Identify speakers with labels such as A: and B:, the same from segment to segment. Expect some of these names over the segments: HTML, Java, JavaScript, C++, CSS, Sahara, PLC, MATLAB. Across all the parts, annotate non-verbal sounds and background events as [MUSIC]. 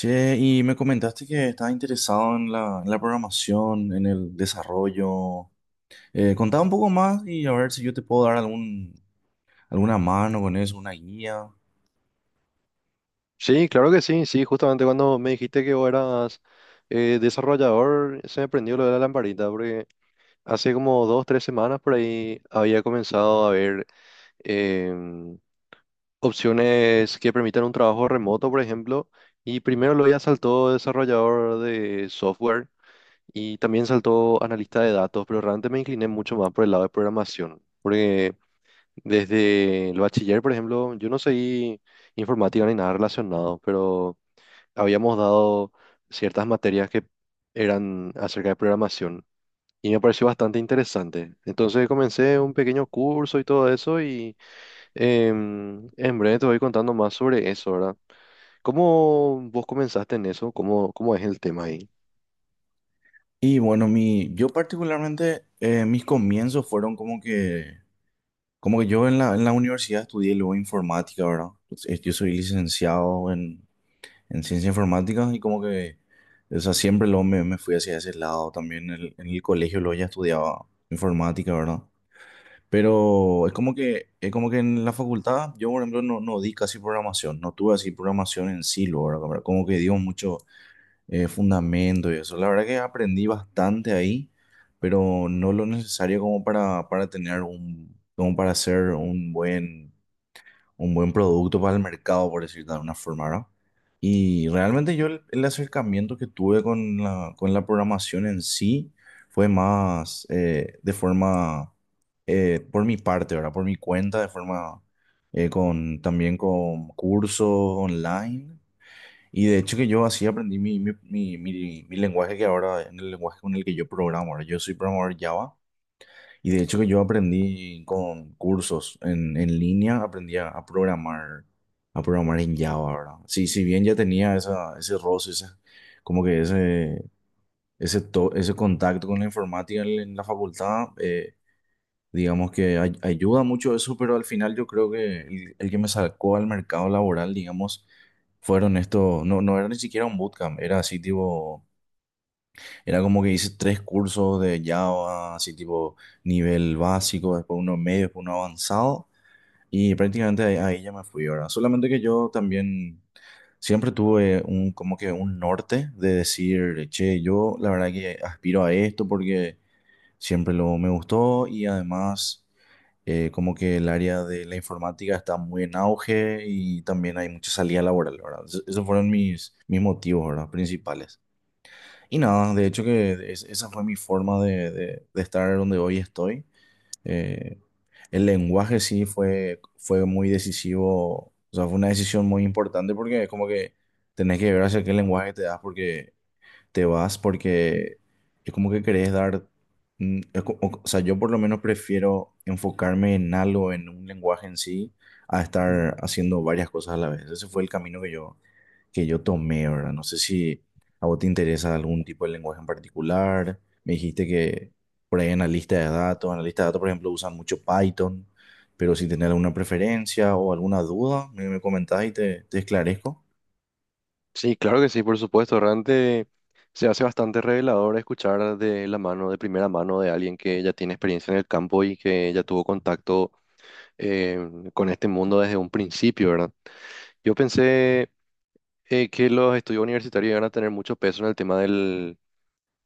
A: Che, y me comentaste que estás interesado en la programación, en el desarrollo. Contá un poco más y a ver si yo te puedo dar alguna mano con eso, una guía.
B: Sí, claro que sí, sí, justamente cuando me dijiste que vos eras desarrollador, se me prendió lo de la lamparita, porque hace como dos, tres semanas por ahí había comenzado a ver em, opciones que permitan un trabajo remoto, por ejemplo, y primero lo ya saltó desarrollador de software y también saltó analista de datos, pero realmente me incliné mucho más por el lado de programación, porque desde el bachiller, por ejemplo, yo no seguí informática ni nada relacionado, pero habíamos dado ciertas materias que eran acerca de programación y me pareció bastante interesante. Entonces comencé un pequeño curso y todo eso y en breve te voy contando más sobre eso, ¿verdad? ¿Cómo vos comenzaste en eso? ¿Cómo, cómo es el tema ahí?
A: Yo particularmente, mis comienzos fueron como que yo en la universidad estudié luego informática, ¿verdad? Pues, yo soy licenciado en ciencia informática y o sea, siempre luego me fui hacia ese lado. También en el colegio luego ya estudiaba informática, ¿verdad? Pero es como que en la facultad, yo por ejemplo no di casi programación, no tuve así programación en sí, luego, ¿verdad? Como que dio mucho fundamento y eso. La verdad que aprendí bastante ahí, pero no lo necesario como para tener como para hacer un buen producto para el mercado, por decirlo de alguna forma, ¿verdad? Y realmente yo el acercamiento que tuve con con la programación en sí fue más de forma por mi parte, ¿verdad? Por mi cuenta, de forma con también con cursos online. Y de hecho que yo así aprendí mi lenguaje que ahora, en el lenguaje con el que yo programo, ¿verdad? Yo soy programador Java y de hecho que yo aprendí con cursos en línea, aprendí a programar en Java, ¿verdad? Sí, si bien ya tenía ese roce, ese- como que ese, to- ese contacto con la informática en la facultad. Digamos que ayuda mucho eso, pero al final yo creo que el que me sacó al mercado laboral, digamos, fueron estos, no era ni siquiera un bootcamp, era como que hice tres cursos de Java, así tipo nivel básico, después uno medio, después uno avanzado, y prácticamente ahí ya me fui ahora. Solamente que yo también siempre tuve un, como que un norte de decir, che, yo la verdad que aspiro a esto porque siempre lo me gustó y además como que el área de la informática está muy en auge y también hay mucha salida laboral, ¿verdad? Esos fueron mis, mis motivos, ¿verdad? Principales. Y nada, de hecho que esa fue mi forma de, de estar donde hoy estoy. Eh, el lenguaje sí fue muy decisivo, o sea, fue una decisión muy importante porque es como que tenés que ver hacia qué lenguaje te das porque te vas porque es como que querés dar, o sea, yo por lo menos prefiero enfocarme en algo, en un lenguaje en sí, a
B: Mm.
A: estar haciendo varias cosas a la vez. Ese fue el camino que yo tomé, ¿verdad? No sé si a vos te interesa algún tipo de lenguaje en particular. Me dijiste que por ahí analista de datos, por ejemplo, usan mucho Python, pero si tenés alguna preferencia o alguna duda, me comentás y te esclarezco.
B: Sí, claro que sí, por supuesto. Realmente se hace bastante revelador escuchar de la mano, de primera mano, de alguien que ya tiene experiencia en el campo y que ya tuvo contacto eh, con este mundo desde un principio, ¿verdad? Yo pensé que los estudios universitarios iban a tener mucho peso en el tema del,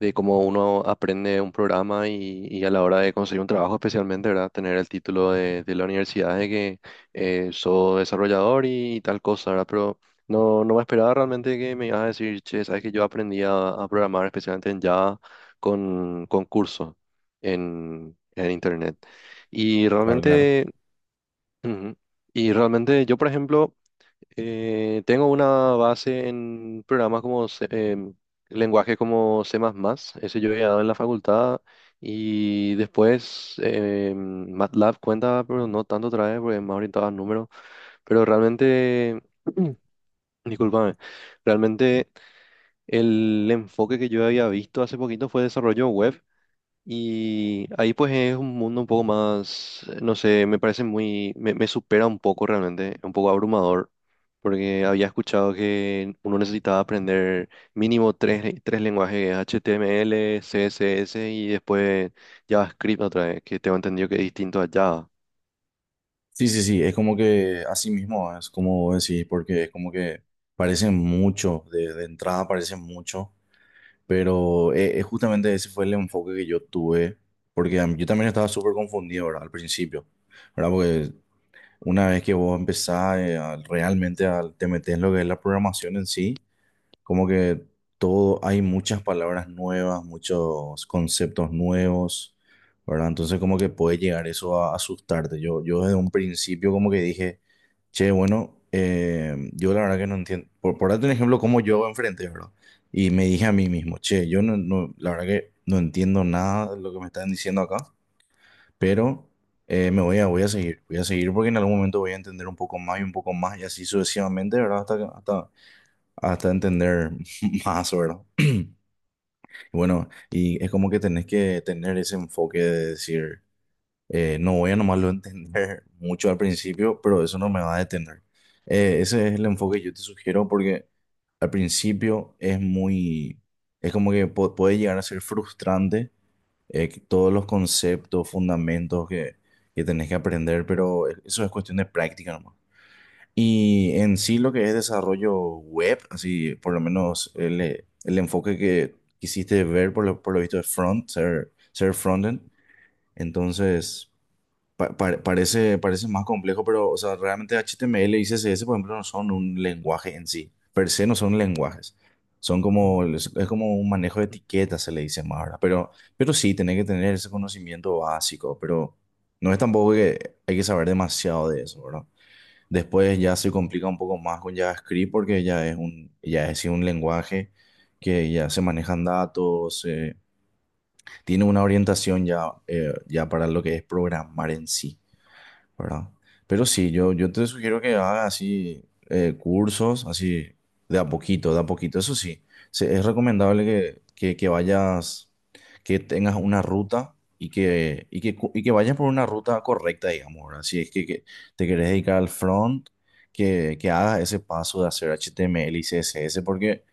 B: de cómo uno aprende un programa y a la hora de conseguir un trabajo, especialmente, ¿verdad? Tener el título de la universidad de que soy desarrollador y, tal cosa, ¿verdad? Pero no, no me esperaba realmente que me ibas a decir, che, sabes que yo aprendí a programar, especialmente en Java, con cursos en Internet. Y
A: Claro, claro.
B: realmente. Ujú. Y realmente yo, por ejemplo, tengo una base en programas como lenguajes como C++, ese yo he dado en la facultad y después MATLAB cuenta, pero no tanto otra vez porque más orientado a números, pero realmente, [CLEARS THROAT] discúlpame, realmente el enfoque que yo había visto hace poquito fue desarrollo web y ahí pues es un mundo un poco más, no sé, me parece muy, me supera un poco realmente, un poco abrumador, porque había escuchado que uno necesitaba aprender mínimo tres, tres lenguajes, HTML, CSS y después JavaScript otra vez, que tengo entendido que es distinto a Java.
A: Sí, es como que así mismo, es como decir, porque es como que parecen mucho, de entrada parecen mucho, pero justamente ese fue el enfoque que yo tuve, porque yo también estaba súper confundido, ¿verdad? Al principio, ¿verdad? Porque una vez que vos empezás realmente a, te metes en lo que es la programación en sí, como que todo, hay muchas palabras nuevas, muchos conceptos nuevos, ¿verdad? Entonces como que puede llegar eso a asustarte. Yo desde un principio como que dije, che, bueno, yo la verdad que no entiendo, por darte un ejemplo, cómo yo enfrenté, ¿verdad? Y me dije a mí mismo, che, yo la verdad que no entiendo nada de lo que me están diciendo acá, pero voy a seguir porque en algún momento voy a entender un poco más y un poco más y así sucesivamente, ¿verdad? Hasta, que- hasta hasta entender [LAUGHS] más, ¿verdad? Bueno, y es como que tenés que tener ese enfoque de decir, no voy a nomás lo entender [LAUGHS] mucho al principio, pero eso no me va a detener. Ese es el enfoque que yo te sugiero porque al principio es muy, es como que puede llegar a ser frustrante que todos los conceptos, fundamentos que tenés que aprender, pero eso es cuestión de práctica nomás. Y en sí lo que es desarrollo web, así por lo menos el enfoque que quisiste ver por lo visto de ser frontend, entonces parece más complejo, pero o sea, realmente HTML y CSS, por ejemplo, no son un lenguaje en sí, per se no son lenguajes, son como,
B: Mm.
A: es como un manejo de etiquetas, se le dice más ahora, pero sí, tenés que tener ese conocimiento básico, pero no es tampoco que hay que saber demasiado de eso. Después ya se complica un poco más con JavaScript porque ya es un lenguaje que ya se manejan datos, tiene una orientación ya, ya para lo que es programar en sí, ¿verdad? Pero sí, yo te sugiero que hagas así cursos, así de a poquito, de a poquito. Eso sí, es recomendable que vayas, que tengas una ruta y y que vayas por una ruta correcta, digamos, ¿verdad? Si es que te querés dedicar al front, que hagas ese paso de hacer HTML y CSS, porque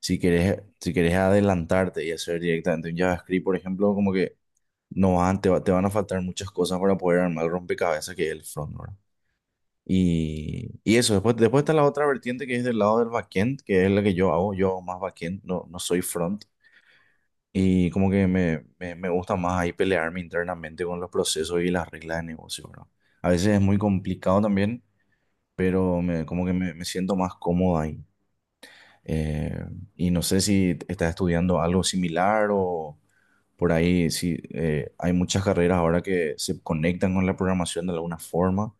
A: si querés, si querés adelantarte y hacer directamente un JavaScript, por ejemplo, como que no, te van a faltar muchas cosas para poder armar el rompecabezas que es el front, ¿verdad? Y eso, después está la otra vertiente que es del lado del backend, que es la que yo hago más backend, no soy front. Y como que me gusta más ahí pelearme internamente con los procesos y las reglas de negocio, ¿verdad? A veces es muy complicado también, pero me, como que me siento más cómodo ahí. Eh, y no sé si estás estudiando algo similar o... Por ahí sí, hay muchas carreras ahora que se conectan con la programación de alguna forma.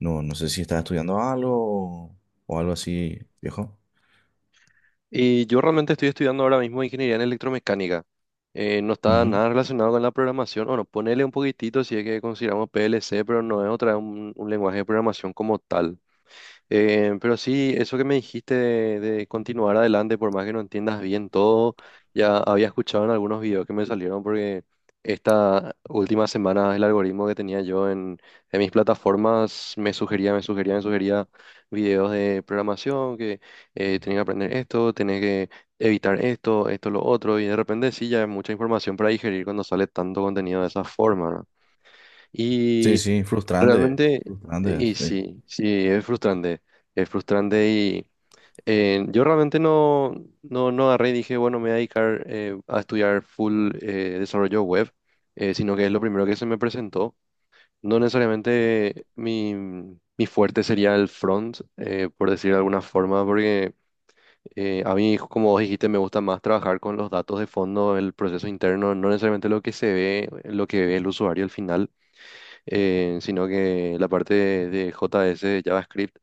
A: No sé si estás estudiando algo o o algo así, viejo.
B: Y yo realmente estoy estudiando ahora mismo ingeniería en electromecánica. No está
A: Ujú.
B: nada relacionado con la programación. Bueno, ponele un poquitito si es que consideramos PLC, pero no es otra un lenguaje de programación como tal. Pero sí, eso que me dijiste de continuar adelante, por más que no entiendas bien todo, ya había escuchado en algunos videos que me salieron porque esta última semana el algoritmo que tenía yo en mis plataformas me sugería, me sugería, me sugería videos de programación, que tenía que aprender esto, tenés que evitar esto, esto, lo otro, y de repente sí, ya hay mucha información para digerir cuando sale tanto contenido de esa forma, ¿no?
A: Sí,
B: Y
A: sí, frustrante,
B: realmente,
A: frustrante,
B: y
A: sí.
B: sí, sí, es frustrante y yo realmente no, no, no agarré y dije, bueno, me voy a dedicar a estudiar full desarrollo web, sino que es lo primero que se me presentó. No necesariamente mi, mi fuerte sería el front, por decir de alguna forma, porque a mí, como vos dijiste, me gusta más trabajar con los datos de fondo, el proceso interno, no necesariamente lo que se ve, lo que ve el usuario al final sino que la parte de JS, de JavaScript,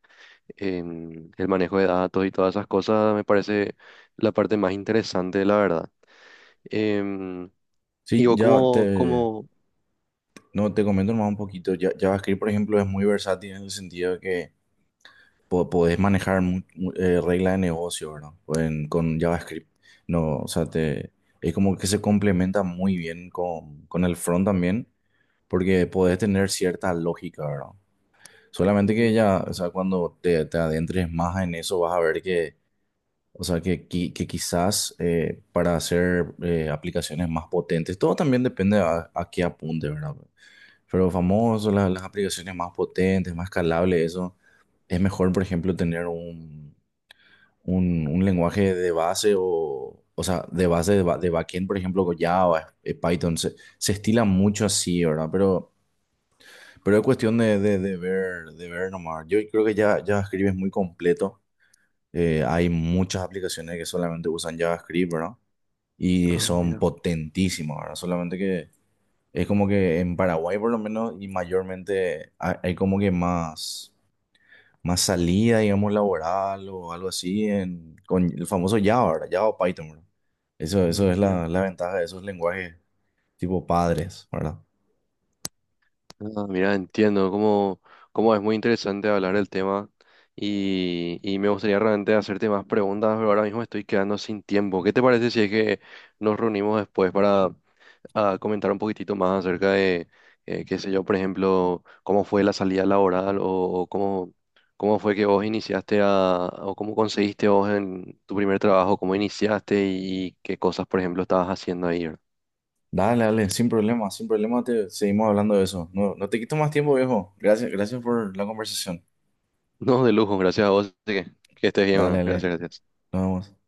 B: el manejo de datos y todas esas cosas me parece la parte más interesante, la verdad. Em, y
A: Sí,
B: vos
A: ya
B: como,
A: te,
B: como,
A: no, te comento nomás un poquito. Ya, JavaScript, por ejemplo, es muy versátil en el sentido de que podés manejar reglas de negocio, ¿verdad? En con JavaScript. No, o sea, te, es como que se complementa muy bien con el front también, porque podés tener cierta lógica, ¿verdad? Solamente que
B: mm,
A: ya, o sea, cuando te adentres más en eso, vas a ver que, o sea, que, qui- que quizás para hacer aplicaciones más potentes, todo también depende a qué apunte, ¿verdad? Pero famoso, las aplicaciones más potentes, más escalables, eso, es mejor, por ejemplo, tener un lenguaje de base o sea, de base de, ba- de backend, por ejemplo, con Java, Python, se estila mucho así, ¿verdad? Pero es cuestión de, de ver nomás. Yo creo que ya JavaScript es muy completo. Hay muchas aplicaciones que solamente usan JavaScript, ¿verdad? Y
B: ah,
A: son
B: mira,
A: potentísimas, ¿verdad? Solamente que es como que en Paraguay por lo menos y mayormente hay como que más, más salida, digamos, laboral o algo así en, con el famoso Java, ¿verdad? Java o Python, ¿verdad? Eso
B: ah,
A: es
B: mira,
A: la ventaja de esos lenguajes tipo padres, ¿verdad?
B: ah, mira, entiendo cómo, cómo es muy interesante hablar del tema y me gustaría realmente hacerte más preguntas, pero ahora mismo estoy quedando sin tiempo. ¿Qué te parece si es que nos reunimos después para a comentar un poquitito más acerca de, qué sé yo, por ejemplo, cómo fue la salida laboral o cómo, cómo fue que vos iniciaste a, o cómo conseguiste vos en tu primer trabajo, cómo iniciaste y qué cosas, por ejemplo, estabas haciendo ahí. ¿Verdad?
A: Dale, dale, sin problema, sin problema te seguimos hablando de eso. No, no te quito más tiempo, viejo. Gracias, gracias por la conversación.
B: No, [LAUGHS] de lujo, gracias a vos, así que estés bien,
A: Dale,
B: bueno,
A: dale,
B: gracias, gracias.
A: nos vemos.